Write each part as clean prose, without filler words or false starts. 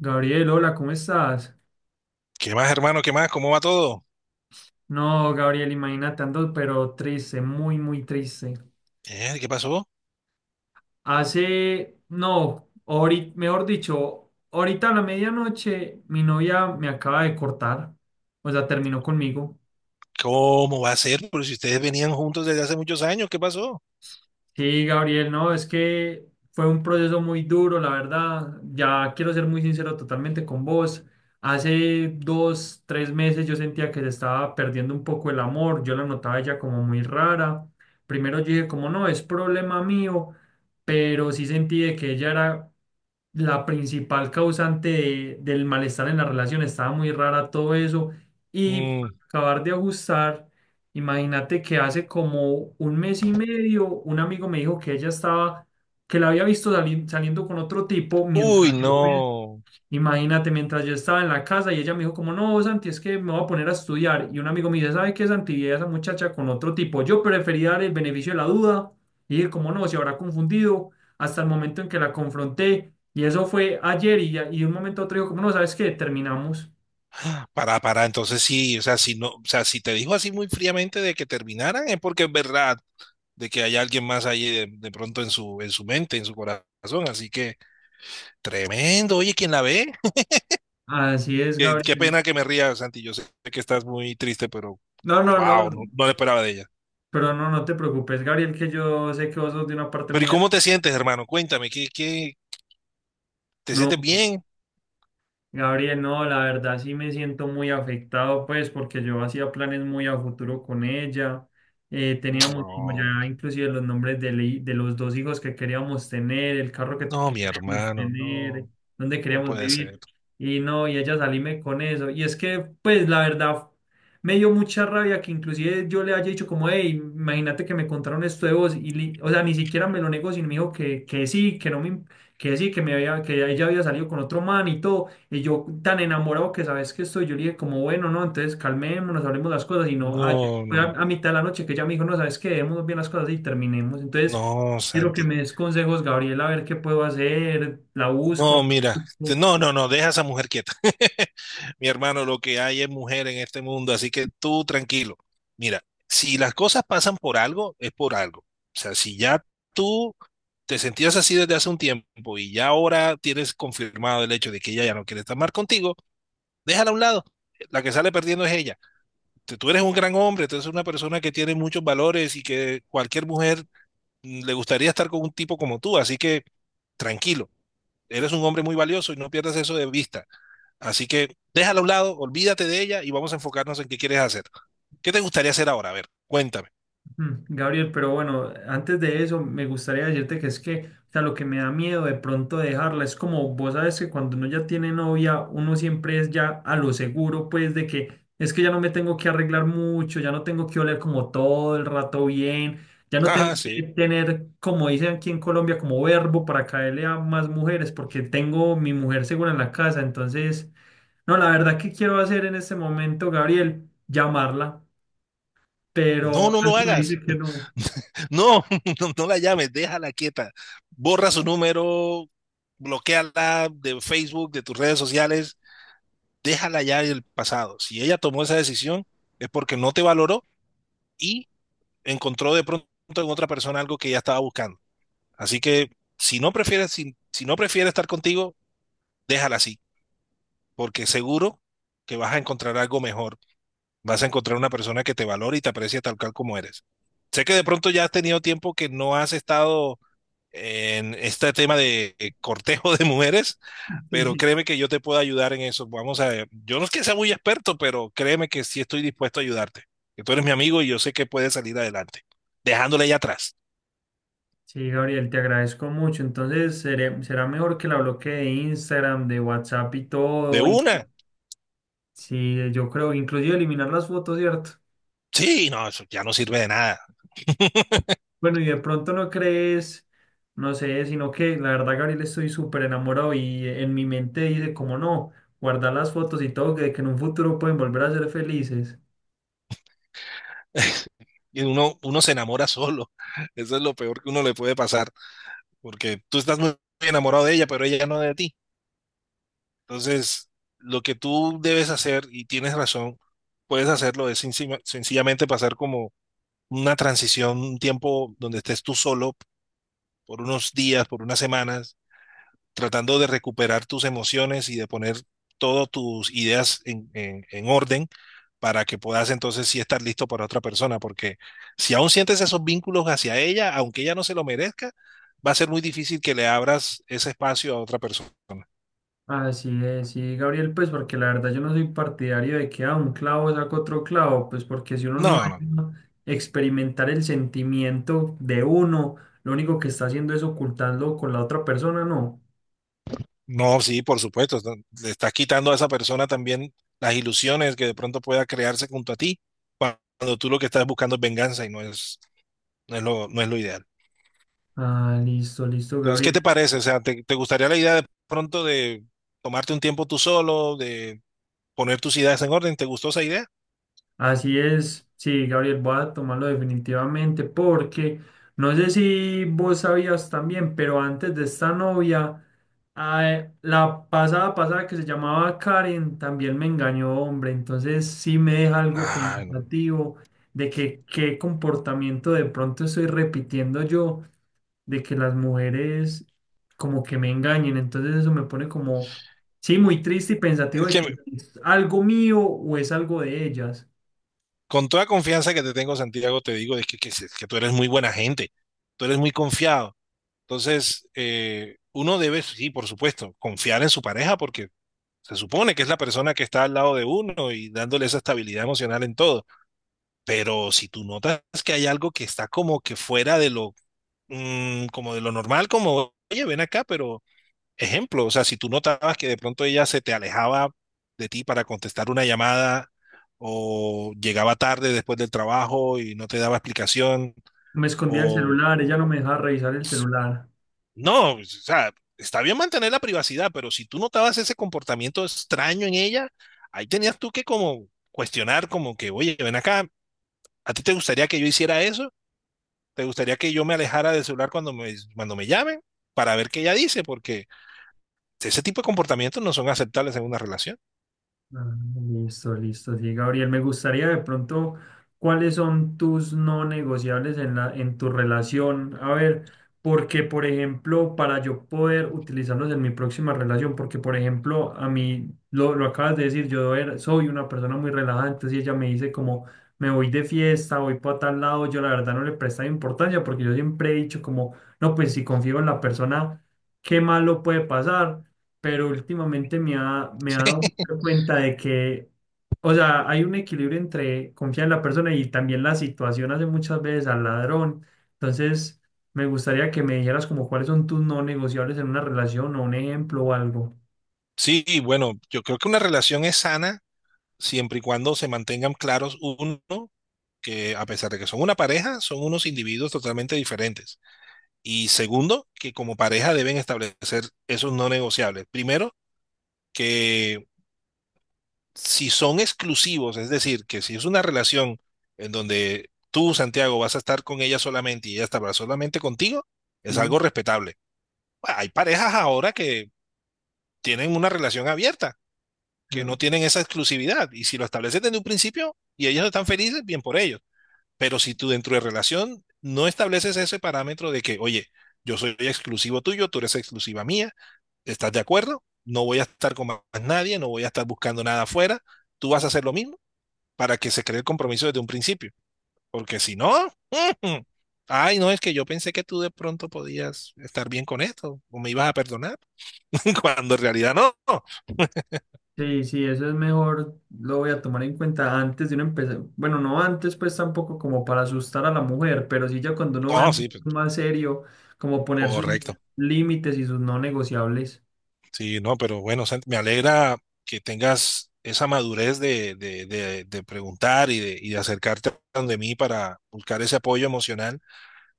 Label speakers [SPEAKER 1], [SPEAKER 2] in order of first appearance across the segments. [SPEAKER 1] Gabriel, hola, ¿cómo estás?
[SPEAKER 2] ¿Qué más, hermano? ¿Qué más? ¿Cómo va todo?
[SPEAKER 1] No, Gabriel, imagínate, ando pero triste, muy, muy triste.
[SPEAKER 2] ¿Qué pasó?
[SPEAKER 1] Hace, no, ahorita, mejor dicho, ahorita a la medianoche mi novia me acaba de cortar, o sea, terminó conmigo.
[SPEAKER 2] ¿Cómo va a ser? Pero si ustedes venían juntos desde hace muchos años, ¿qué pasó?
[SPEAKER 1] Sí, Gabriel, no, es que fue un proceso muy duro, la verdad. Ya quiero ser muy sincero totalmente con vos. Hace 2, 3 meses yo sentía que se estaba perdiendo un poco el amor. Yo la notaba ella como muy rara. Primero yo dije como no, es problema mío, pero sí sentí de que ella era la principal causante del malestar en la relación. Estaba muy rara todo eso. Y para
[SPEAKER 2] Mm,
[SPEAKER 1] acabar de ajustar, imagínate que hace como un mes y medio un amigo me dijo que ella estaba, que la había visto saliendo con otro tipo mientras
[SPEAKER 2] Uy,
[SPEAKER 1] yo.
[SPEAKER 2] no.
[SPEAKER 1] Imagínate, mientras yo estaba en la casa y ella me dijo como, no, Santi, es que me voy a poner a estudiar. Y un amigo me dice, ¿sabe qué, Santi? Vi a esa muchacha con otro tipo. Yo preferí dar el beneficio de la duda. Y dije, como no, se habrá confundido hasta el momento en que la confronté. Y eso fue ayer y, y de un momento a otro dijo, como no, ¿sabes qué? Terminamos.
[SPEAKER 2] Para, entonces sí, o sea, si no, o sea, si te dijo así muy fríamente de que terminaran, es porque es verdad de que hay alguien más ahí de pronto en su mente, en su corazón. Así que, tremendo. Oye, ¿quién la ve?
[SPEAKER 1] Así es,
[SPEAKER 2] Qué
[SPEAKER 1] Gabriel.
[SPEAKER 2] pena que me ría, Santi. Yo sé que estás muy triste, pero
[SPEAKER 1] No, no, no,
[SPEAKER 2] wow, no, no lo esperaba de ella.
[SPEAKER 1] pero no, no te preocupes, Gabriel, que yo sé que vos sos de una parte
[SPEAKER 2] Pero ¿y
[SPEAKER 1] muy...
[SPEAKER 2] cómo te sientes, hermano? Cuéntame, ¿te
[SPEAKER 1] No.
[SPEAKER 2] sientes bien?
[SPEAKER 1] Gabriel, no, la verdad sí me siento muy afectado, pues, porque yo hacía planes muy a futuro con ella. Teníamos como
[SPEAKER 2] No,
[SPEAKER 1] ya inclusive los nombres de los dos hijos que queríamos tener, el carro que,
[SPEAKER 2] no,
[SPEAKER 1] que
[SPEAKER 2] mi
[SPEAKER 1] queríamos
[SPEAKER 2] hermano,
[SPEAKER 1] tener,
[SPEAKER 2] no,
[SPEAKER 1] dónde
[SPEAKER 2] no
[SPEAKER 1] queríamos
[SPEAKER 2] puede
[SPEAKER 1] vivir.
[SPEAKER 2] ser.
[SPEAKER 1] Y no, y ella salíme con eso. Y es que, pues, la verdad, me dio mucha rabia que inclusive yo le haya dicho como, hey, imagínate que me contaron esto de vos. Y, o sea, ni siquiera me lo negó, sino me dijo que sí, que no me, que sí, que me había, que ella había salido con otro man y todo. Y yo tan enamorado que sabes que estoy, yo le dije como, bueno, no, entonces calmémonos, hablemos las cosas. Y no, ayer
[SPEAKER 2] No,
[SPEAKER 1] fue a,
[SPEAKER 2] no,
[SPEAKER 1] a mitad de la noche que ella me dijo, no, sabes que debemos bien las cosas y terminemos. Entonces,
[SPEAKER 2] no,
[SPEAKER 1] quiero que
[SPEAKER 2] Santi.
[SPEAKER 1] me des consejos, Gabriel, a ver qué puedo hacer, la busco. No
[SPEAKER 2] No,
[SPEAKER 1] la
[SPEAKER 2] mira,
[SPEAKER 1] busco.
[SPEAKER 2] no, deja a esa mujer quieta. Mi hermano, lo que hay es mujer en este mundo, así que tú tranquilo. Mira, si las cosas pasan por algo, es por algo. O sea, si ya tú te sentías así desde hace un tiempo y ya ahora tienes confirmado el hecho de que ella ya no quiere estar más contigo, déjala a un lado. La que sale perdiendo es ella. Tú eres un gran hombre, tú eres una persona que tiene muchos valores y que cualquier mujer le gustaría estar con un tipo como tú, así que tranquilo, eres un hombre muy valioso y no pierdas eso de vista. Así que déjala a un lado, olvídate de ella y vamos a enfocarnos en qué quieres hacer. ¿Qué te gustaría hacer ahora? A ver, cuéntame.
[SPEAKER 1] Mm, Gabriel, pero bueno, antes de eso me gustaría decirte que es que, o sea, lo que me da miedo de pronto dejarla es como vos sabes que cuando uno ya tiene novia, uno siempre es ya a lo seguro, pues de que es que ya no me tengo que arreglar mucho, ya no tengo que oler como todo el rato bien, ya no
[SPEAKER 2] Ah,
[SPEAKER 1] tengo que
[SPEAKER 2] sí.
[SPEAKER 1] tener, como dicen aquí en Colombia, como verbo para caerle a más mujeres, porque tengo mi mujer segura en la casa. Entonces, no, la verdad que quiero hacer en este momento, Gabriel, llamarla,
[SPEAKER 2] No,
[SPEAKER 1] pero
[SPEAKER 2] no lo
[SPEAKER 1] algo me
[SPEAKER 2] hagas.
[SPEAKER 1] dice que no.
[SPEAKER 2] No, no, no la llames, déjala quieta. Borra su número, bloqueala de Facebook, de tus redes sociales, déjala ya del pasado. Si ella tomó esa decisión, es porque no te valoró y encontró de pronto en otra persona algo que ella estaba buscando. Así que si no prefieres, si no prefiere estar contigo, déjala así, porque seguro que vas a encontrar algo mejor. Vas a encontrar una persona que te valore y te aprecie tal cual como eres. Sé que de pronto ya has tenido tiempo que no has estado en este tema de cortejo de mujeres,
[SPEAKER 1] Sí,
[SPEAKER 2] pero
[SPEAKER 1] sí.
[SPEAKER 2] créeme que yo te puedo ayudar en eso. Vamos a ver, yo no es que sea muy experto, pero créeme que sí estoy dispuesto a ayudarte. Que tú eres mi amigo y yo sé que puedes salir adelante, dejándole ya atrás.
[SPEAKER 1] Sí, Gabriel, te agradezco mucho. Entonces, será mejor que la bloquee de Instagram, de WhatsApp y
[SPEAKER 2] De
[SPEAKER 1] todo. Y...
[SPEAKER 2] una,
[SPEAKER 1] Sí, yo creo, inclusive eliminar las fotos, ¿cierto?
[SPEAKER 2] sí, no, eso ya no sirve de nada.
[SPEAKER 1] Bueno, y de pronto no crees, no sé, sino que la verdad, Gabriel, estoy súper enamorado y en mi mente dice, como no, guardar las fotos y todo, que en un futuro pueden volver a ser felices.
[SPEAKER 2] Y uno se enamora solo. Eso es lo peor que uno le puede pasar, porque tú estás muy enamorado de ella, pero ella no de ti. Entonces, lo que tú debes hacer, y tienes razón, puedes hacerlo, es sencillamente pasar como una transición, un tiempo donde estés tú solo por unos días, por unas semanas, tratando de recuperar tus emociones y de poner todas tus ideas en orden para que puedas entonces sí estar listo para otra persona, porque si aún sientes esos vínculos hacia ella, aunque ella no se lo merezca, va a ser muy difícil que le abras ese espacio a otra persona.
[SPEAKER 1] Así es, sí, Gabriel, pues porque la verdad yo no soy partidario de que a un clavo saca otro clavo, pues porque si uno no
[SPEAKER 2] No, no,
[SPEAKER 1] deja experimentar el sentimiento de uno, lo único que está haciendo es ocultarlo con la otra persona, ¿no?
[SPEAKER 2] no, sí, por supuesto, no, le estás quitando a esa persona también las ilusiones que de pronto pueda crearse junto a ti, cuando tú lo que estás buscando es venganza y no es lo ideal.
[SPEAKER 1] Ah, listo, listo,
[SPEAKER 2] Entonces, ¿qué te
[SPEAKER 1] Gabriel.
[SPEAKER 2] parece? O sea, ¿te gustaría la idea de pronto de tomarte un tiempo tú solo, de poner tus ideas en orden? ¿Te gustó esa idea?
[SPEAKER 1] Así es, sí, Gabriel, voy a tomarlo definitivamente porque no sé si vos sabías también, pero antes de esta novia, ah, la pasada pasada que se llamaba Karen también me engañó, hombre, entonces sí me deja algo
[SPEAKER 2] Ay, no.
[SPEAKER 1] pensativo de que qué comportamiento de pronto estoy repitiendo yo, de que las mujeres como que me engañen, entonces eso me pone como, sí, muy triste y pensativo
[SPEAKER 2] Es
[SPEAKER 1] de
[SPEAKER 2] que
[SPEAKER 1] que
[SPEAKER 2] me-
[SPEAKER 1] es algo mío o es algo de ellas.
[SPEAKER 2] con toda confianza que te tengo, Santiago, te digo es que, se- que tú eres muy buena gente, tú eres muy confiado. Entonces, uno debe, sí, por supuesto, confiar en su pareja porque se supone que es la persona que está al lado de uno y dándole esa estabilidad emocional en todo. Pero si tú notas que hay algo que está como que fuera de lo como de lo normal, como, oye, ven acá, pero ejemplo, o sea, si tú notabas que de pronto ella se te alejaba de ti para contestar una llamada o llegaba tarde después del trabajo y no te daba explicación
[SPEAKER 1] Me escondía el
[SPEAKER 2] o
[SPEAKER 1] celular, ella no me dejaba revisar el celular.
[SPEAKER 2] no, o sea, está bien mantener la privacidad, pero si tú notabas ese comportamiento extraño en ella, ahí tenías tú que como cuestionar como que, oye, ven acá, ¿a ti te gustaría que yo hiciera eso? ¿Te gustaría que yo me alejara del celular cuando me llamen? Para ver qué ella dice, porque ese tipo de comportamientos no son aceptables en una relación.
[SPEAKER 1] Ah, listo, listo, sí, Gabriel. Me gustaría de pronto, ¿cuáles son tus no negociables en la, en tu relación? A ver, porque, por ejemplo, para yo poder utilizarlos en mi próxima relación, porque, por ejemplo, a mí, lo acabas de decir, yo soy una persona muy relajada, entonces si ella me dice como, me voy de fiesta, voy para tal lado, yo la verdad no le prestaba importancia, porque yo siempre he dicho como, no, pues si confío en la persona, ¿qué malo puede pasar? Pero últimamente me ha dado mucha cuenta de que, o sea, hay un equilibrio entre confiar en la persona y también la situación hace muchas veces al ladrón. Entonces, me gustaría que me dijeras como cuáles son tus no negociables en una relación o un ejemplo o algo.
[SPEAKER 2] Sí, y bueno, yo creo que una relación es sana siempre y cuando se mantengan claros uno, que a pesar de que son una pareja, son unos individuos totalmente diferentes. Y segundo, que como pareja deben establecer esos no negociables. Primero, que si son exclusivos, es decir, que si es una relación en donde tú, Santiago, vas a estar con ella solamente y ella estará solamente contigo, es
[SPEAKER 1] Sí.
[SPEAKER 2] algo respetable. Bueno, hay parejas ahora que tienen una relación abierta, que no
[SPEAKER 1] Claro.
[SPEAKER 2] tienen esa exclusividad. Y si lo estableces desde un principio y ellos están felices, bien por ellos. Pero si tú dentro de relación no estableces ese parámetro de que, oye, yo soy exclusivo tuyo, tú eres exclusiva mía, ¿estás de acuerdo? No voy a estar con más nadie, no voy a estar buscando nada afuera, tú vas a hacer lo mismo para que se cree el compromiso desde un principio. Porque si no, ay, no, es que yo pensé que tú de pronto podías estar bien con esto o me ibas a perdonar. Cuando en realidad no.
[SPEAKER 1] Sí, sí, eso es mejor, lo voy a tomar en cuenta antes de uno empezar. Bueno, no antes, pues tampoco como para asustar a la mujer, pero sí ya cuando uno va
[SPEAKER 2] No, sí, pues,
[SPEAKER 1] más serio, como poner sus
[SPEAKER 2] correcto.
[SPEAKER 1] límites y sus no negociables.
[SPEAKER 2] Sí, no, pero bueno, Santi, me alegra que tengas esa madurez de preguntar y de acercarte a donde mí para buscar ese apoyo emocional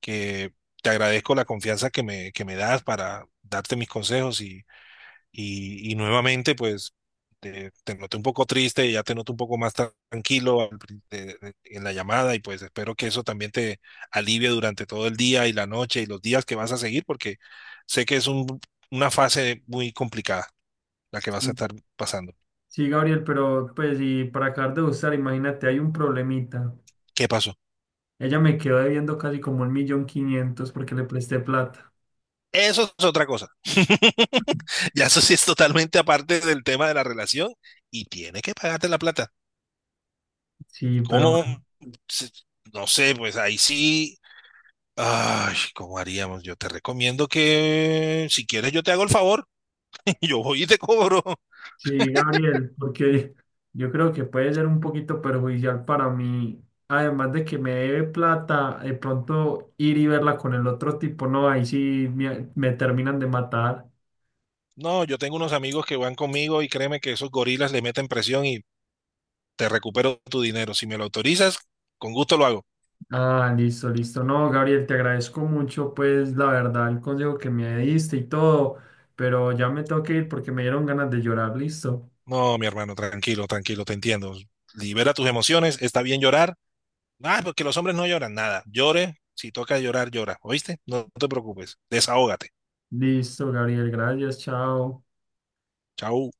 [SPEAKER 2] que te agradezco la confianza que me das para darte mis consejos. Y, y y nuevamente, pues, te noté un poco triste, ya te noto un poco más tranquilo al pri- de- en la llamada y pues espero que eso también te alivie durante todo el día y la noche y los días que vas a seguir, porque sé que es una fase muy complicada la que vas a estar pasando.
[SPEAKER 1] Sí, Gabriel, pero pues y para acabar de gustar, imagínate, hay un problemita.
[SPEAKER 2] ¿Qué pasó?
[SPEAKER 1] Ella me quedó debiendo casi como 1.500.000 porque le presté plata.
[SPEAKER 2] Eso es otra cosa. Ya eso sí es totalmente aparte del tema de la relación y tiene que pagarte la plata.
[SPEAKER 1] Sí, pero
[SPEAKER 2] ¿Cómo?
[SPEAKER 1] bueno.
[SPEAKER 2] Se- No sé, pues ahí sí ay, ¿cómo haríamos? Yo te recomiendo que si quieres yo te hago el favor y yo voy y te cobro.
[SPEAKER 1] Sí, Gabriel, porque yo creo que puede ser un poquito perjudicial para mí. Además de que me debe plata, de pronto ir y verla con el otro tipo, no, ahí sí me terminan de matar.
[SPEAKER 2] No, yo tengo unos amigos que van conmigo y créeme que esos gorilas le meten presión y te recupero tu dinero. Si me lo autorizas, con gusto lo hago.
[SPEAKER 1] Ah, listo, listo. No, Gabriel, te agradezco mucho, pues la verdad, el consejo que me diste y todo, pero ya me tengo que ir porque me dieron ganas de llorar. Listo.
[SPEAKER 2] No, mi hermano, tranquilo, tranquilo, te entiendo. Libera tus emociones, está bien llorar. Ah, porque los hombres no lloran nada. Llore, si toca llorar, llora. ¿Oíste? No te preocupes, desahógate.
[SPEAKER 1] Listo, Gabriel, gracias, chao.
[SPEAKER 2] Chau.